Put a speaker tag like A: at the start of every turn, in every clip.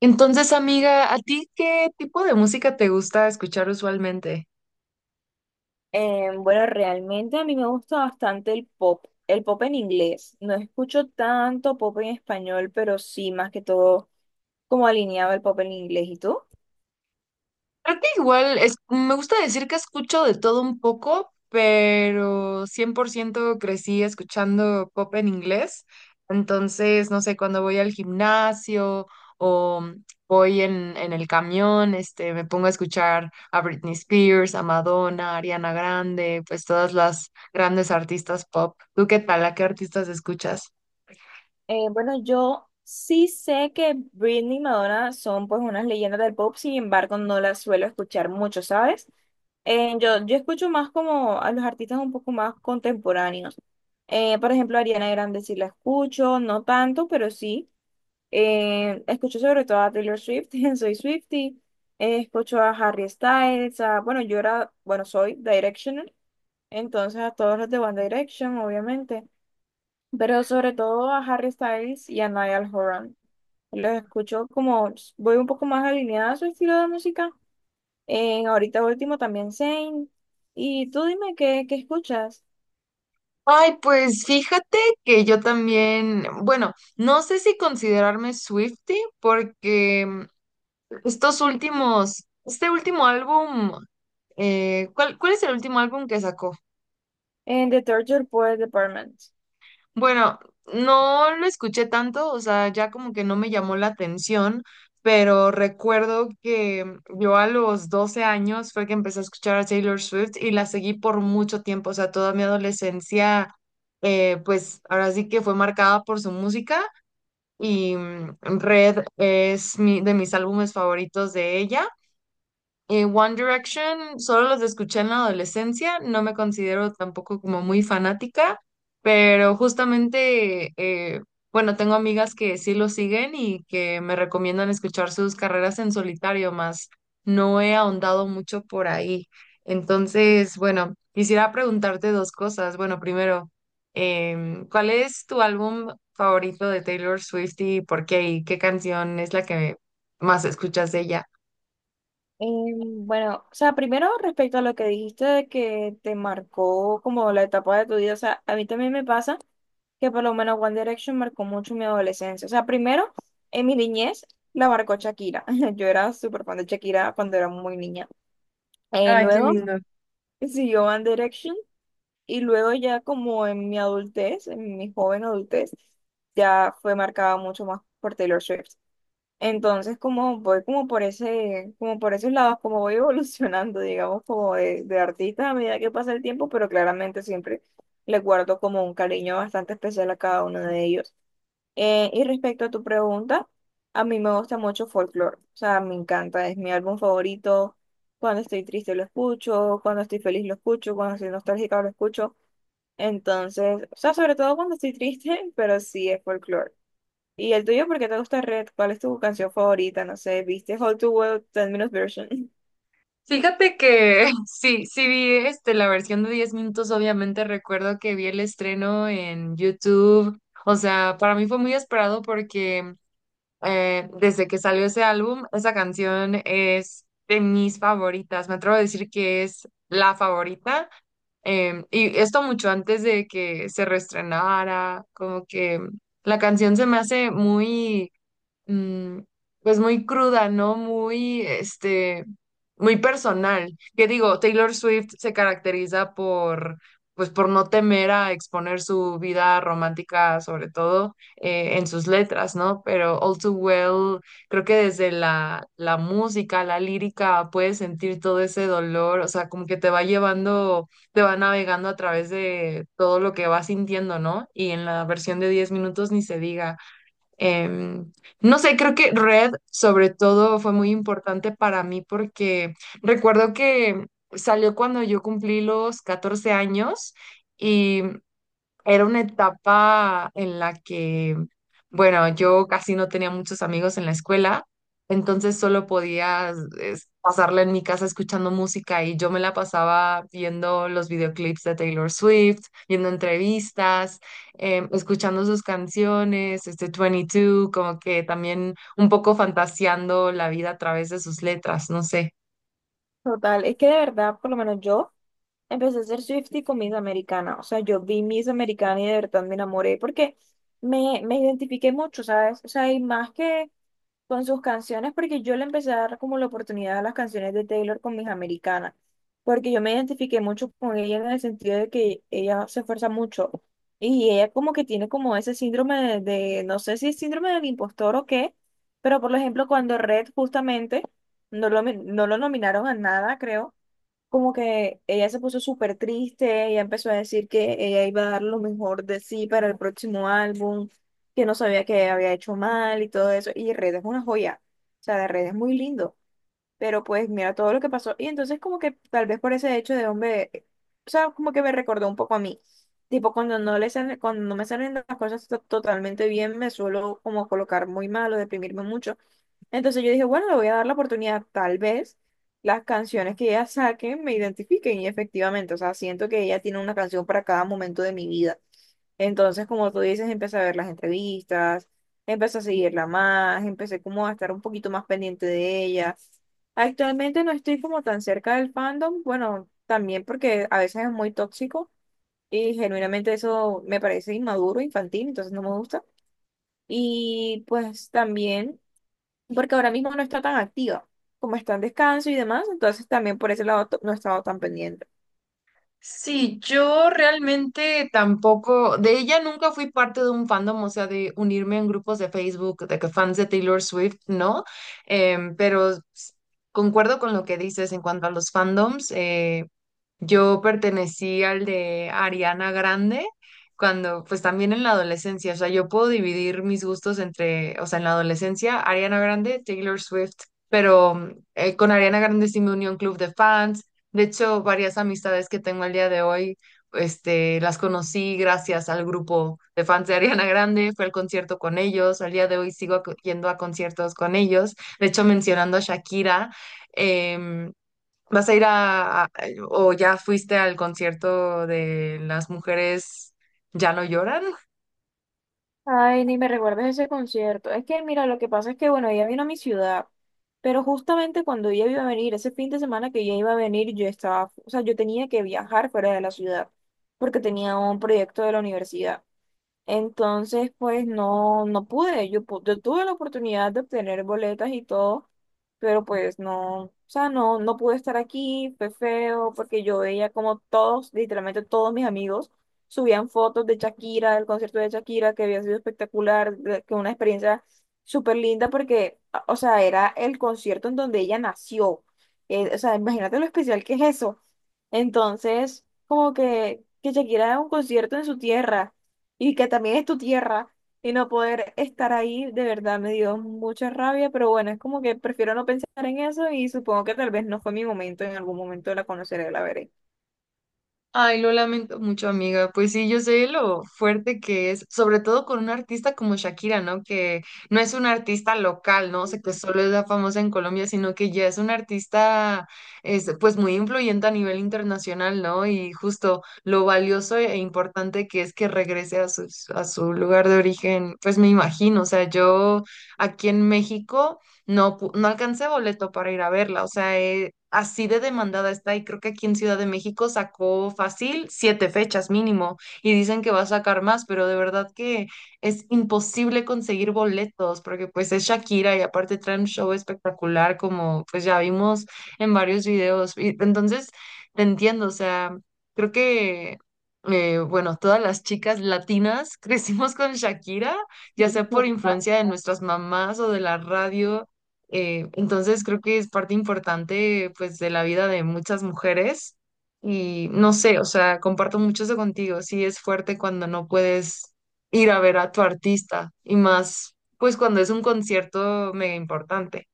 A: Entonces, amiga, ¿a ti qué tipo de música te gusta escuchar usualmente?
B: Bueno, realmente a mí me gusta bastante el pop en inglés. No escucho tanto pop en español, pero sí, más que todo, como alineado el pop en inglés. ¿Y tú?
A: Creo que igual me gusta decir que escucho de todo un poco, pero 100% crecí escuchando pop en inglés. Entonces, no sé, cuando voy al gimnasio o voy en el camión, me pongo a escuchar a Britney Spears, a Madonna, a Ariana Grande, pues todas las grandes artistas pop. ¿Tú qué tal? ¿A qué artistas escuchas?
B: Bueno, yo sí sé que Britney y Madonna son pues unas leyendas del pop, sin embargo, no las suelo escuchar mucho, ¿sabes? Yo escucho más como a los artistas un poco más contemporáneos. Por ejemplo, Ariana Grande sí la escucho, no tanto, pero sí. Escucho sobre todo a Taylor Swift, soy Swiftie, escucho a Harry Styles, bueno, yo era, bueno, soy Directional, entonces a todos los de One Direction, obviamente, pero sobre todo a Harry Styles y a Niall Horan. Los escucho como, voy un poco más alineada a su estilo de música. En ahorita último también Zayn. Y tú dime qué, qué escuchas
A: Ay, pues fíjate que yo también, bueno, no sé si considerarme Swiftie porque este último álbum, ¿cuál es el último álbum que sacó?
B: en The Torture Poets Department.
A: Bueno, no lo escuché tanto, o sea, ya como que no me llamó la atención, pero recuerdo que yo a los 12 años fue que empecé a escuchar a Taylor Swift y la seguí por mucho tiempo, o sea, toda mi adolescencia, pues ahora sí que fue marcada por su música. Y Red es de mis álbumes favoritos de ella. One Direction, solo los escuché en la adolescencia, no me considero tampoco como muy fanática, pero justamente, bueno, tengo amigas que sí lo siguen y que me recomiendan escuchar sus carreras en solitario, más no he ahondado mucho por ahí. Entonces, bueno, quisiera preguntarte dos cosas. Bueno, primero, ¿cuál es tu álbum favorito de Taylor Swift y por qué? ¿Y qué canción es la que más escuchas de ella?
B: Bueno, o sea, primero respecto a lo que dijiste de que te marcó como la etapa de tu vida, o sea, a mí también me pasa que por lo menos One Direction marcó mucho mi adolescencia. O sea, primero, en mi niñez la marcó Shakira. Yo era súper fan de Shakira cuando era muy niña.
A: Ay, qué
B: Luego
A: lindo.
B: siguió One Direction y luego ya como en mi adultez, en mi joven adultez, ya fue marcada mucho más por Taylor Swift. Entonces, como voy como por ese, como por esos lados, como voy evolucionando, digamos, como de artista a medida que pasa el tiempo, pero claramente siempre le guardo como un cariño bastante especial a cada uno de ellos. Y respecto a tu pregunta, a mí me gusta mucho folklore, o sea, me encanta, es mi álbum favorito. Cuando estoy triste lo escucho, cuando estoy feliz lo escucho, cuando estoy nostálgica lo escucho. Entonces, o sea, sobre todo cuando estoy triste, pero sí es folklore. ¿Y el tuyo por qué te gusta Red? ¿Cuál es tu canción favorita? No sé, ¿viste How to Web 10 Minutes Version?
A: Fíjate que sí, sí vi la versión de 10 minutos. Obviamente recuerdo que vi el estreno en YouTube, o sea, para mí fue muy esperado porque desde que salió ese álbum, esa canción es de mis favoritas, me atrevo a decir que es la favorita, y esto mucho antes de que se reestrenara, como que la canción se me hace muy mm, pues muy cruda, ¿no? Muy, muy personal. Que digo, Taylor Swift se caracteriza pues por no temer a exponer su vida romántica, sobre todo en sus letras, ¿no? Pero All Too Well, creo que desde la música, la lírica, puedes sentir todo ese dolor, o sea, como que te va llevando, te va navegando a través de todo lo que vas sintiendo, ¿no? Y en la versión de 10 minutos ni se diga. Em, no sé, creo que Red sobre todo fue muy importante para mí porque recuerdo que salió cuando yo cumplí los 14 años. Era una etapa en la que, bueno, yo casi no tenía muchos amigos en la escuela, entonces solo podía pasarla en mi casa escuchando música, y yo me la pasaba viendo los videoclips de Taylor Swift, viendo entrevistas, escuchando sus canciones, este 22, como que también un poco fantaseando la vida a través de sus letras, no sé.
B: Total, es que de verdad, por lo menos yo empecé a ser Swiftie con Miss Americana. O sea, yo vi Miss Americana y de verdad me enamoré porque me identifiqué mucho, ¿sabes? O sea, y más que con sus canciones, porque yo le empecé a dar como la oportunidad a las canciones de Taylor con Miss Americana. Porque yo me identifiqué mucho con ella en el sentido de que ella se esfuerza mucho. Y ella como que tiene como ese síndrome no sé si es síndrome del impostor o qué, pero por ejemplo, cuando Red justamente no lo nominaron a nada, creo. Como que ella se puso súper triste, ella empezó a decir que ella iba a dar lo mejor de sí para el próximo álbum, que no sabía que había hecho mal y todo eso. Y Red es una joya, o sea, de Red es muy lindo, pero pues mira todo lo que pasó. Y entonces como que tal vez por ese hecho de hombre, o sea, como que me recordó un poco a mí. Tipo, cuando no me salen las cosas totalmente bien, me suelo como colocar muy mal o deprimirme mucho. Entonces yo dije, bueno, le voy a dar la oportunidad, tal vez las canciones que ella saque me identifiquen y efectivamente, o sea, siento que ella tiene una canción para cada momento de mi vida. Entonces, como tú dices, empecé a ver las entrevistas, empecé a seguirla más, empecé como a estar un poquito más pendiente de ella. Actualmente no estoy como tan cerca del fandom, bueno, también porque a veces es muy tóxico y genuinamente eso me parece inmaduro, infantil, entonces no me gusta. Y pues también porque ahora mismo no está tan activa, como está en descanso y demás, entonces también por ese lado no he estado tan pendiente.
A: Sí, yo realmente tampoco, de ella nunca fui parte de un fandom, o sea, de unirme en grupos de Facebook, de que fans de Taylor Swift, ¿no? Pero concuerdo con lo que dices en cuanto a los fandoms. Yo pertenecí al de Ariana Grande cuando, pues también en la adolescencia, o sea, yo puedo dividir mis gustos entre, o sea, en la adolescencia, Ariana Grande, Taylor Swift, pero con Ariana Grande sí me unió un club de fans. De hecho, varias amistades que tengo al día de hoy, las conocí gracias al grupo de fans de Ariana Grande, fue al concierto con ellos, al día de hoy sigo yendo a conciertos con ellos. De hecho, mencionando a Shakira, em, ¿vas a ir o ya fuiste al concierto de Las Mujeres Ya No Lloran?
B: Ay, ni me recuerdes ese concierto. Es que, mira, lo que pasa es que, bueno, ella vino a mi ciudad, pero justamente cuando ella iba a venir, ese fin de semana que ella iba a venir, yo estaba, o sea, yo tenía que viajar fuera de la ciudad, porque tenía un proyecto de la universidad. Entonces, pues no, no pude. Yo, yo tuve la oportunidad de obtener boletas y todo, pero pues no, o sea, no, no pude estar aquí, fue feo, porque yo veía como todos, literalmente todos mis amigos, subían fotos de Shakira, del concierto de Shakira, que había sido espectacular, que una experiencia súper linda, porque, o sea, era el concierto en donde ella nació. O sea, imagínate lo especial que es eso. Entonces, como que Shakira haga un concierto en su tierra y que también es tu tierra y no poder estar ahí, de verdad me dio mucha rabia, pero bueno, es como que prefiero no pensar en eso y supongo que tal vez no fue mi momento, en algún momento la conoceré, la veré.
A: Ay, lo lamento mucho, amiga. Pues sí, yo sé lo fuerte que es, sobre todo con una artista como Shakira, ¿no? Que no es una artista local, ¿no? O sea, que solo es la famosa en Colombia, sino que ya es una artista, es, pues muy influyente a nivel internacional, ¿no? Y justo lo valioso e importante que es que regrese a a su lugar de origen, pues me imagino, o sea, yo aquí en México. No, no alcancé boleto para ir a verla, o sea, así de demandada está, y creo que aquí en Ciudad de México sacó fácil 7 fechas mínimo, y dicen que va a sacar más, pero de verdad que es imposible conseguir boletos porque pues es Shakira y aparte trae un show espectacular como pues ya vimos en varios videos. Y entonces, te entiendo, o sea, creo que, bueno, todas las chicas latinas crecimos con Shakira ya sea por
B: Total.
A: influencia de nuestras mamás o de la radio, entonces creo que es parte importante pues de la vida de muchas mujeres, y no sé, o sea, comparto mucho eso contigo. Sí es fuerte cuando no puedes ir a ver a tu artista, y más pues cuando es un concierto mega importante.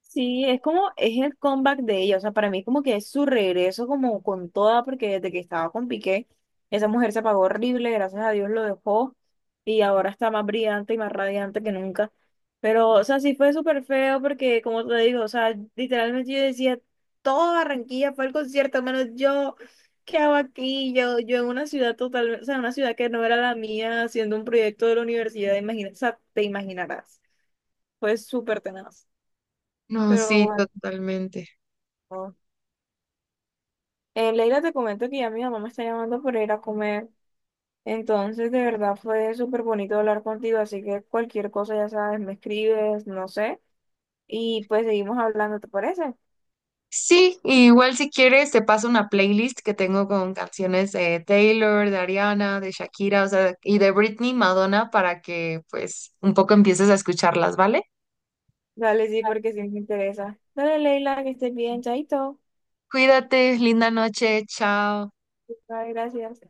B: Sí, es como, es el comeback de ella, o sea, para mí como que es su regreso como con toda, porque desde que estaba con Piqué, esa mujer se apagó horrible, gracias a Dios lo dejó, y ahora está más brillante y más radiante que nunca. Pero, o sea, sí fue súper feo porque, como te digo, o sea, literalmente yo decía, toda Barranquilla fue al concierto, menos yo, ¿qué hago aquí? Yo en una ciudad total, o sea, una ciudad que no era la mía, haciendo un proyecto de la universidad, imagina, o sea, te imaginarás, fue súper tenaz,
A: No,
B: pero
A: sí,
B: bueno.
A: totalmente.
B: Leila, te comento que ya mi mamá me está llamando para ir a comer. Entonces, de verdad fue súper bonito hablar contigo. Así que cualquier cosa, ya sabes, me escribes, no sé. Y pues seguimos hablando, ¿te parece?
A: Sí, y igual si quieres te paso una playlist que tengo con canciones de Taylor, de Ariana, de Shakira, o sea, y de Britney, Madonna, para que pues un poco empieces a escucharlas, ¿vale?
B: Dale, sí, porque sí me interesa. Dale, Leila, que estés bien, chaito.
A: Cuídate, linda noche, chao.
B: Bye, gracias.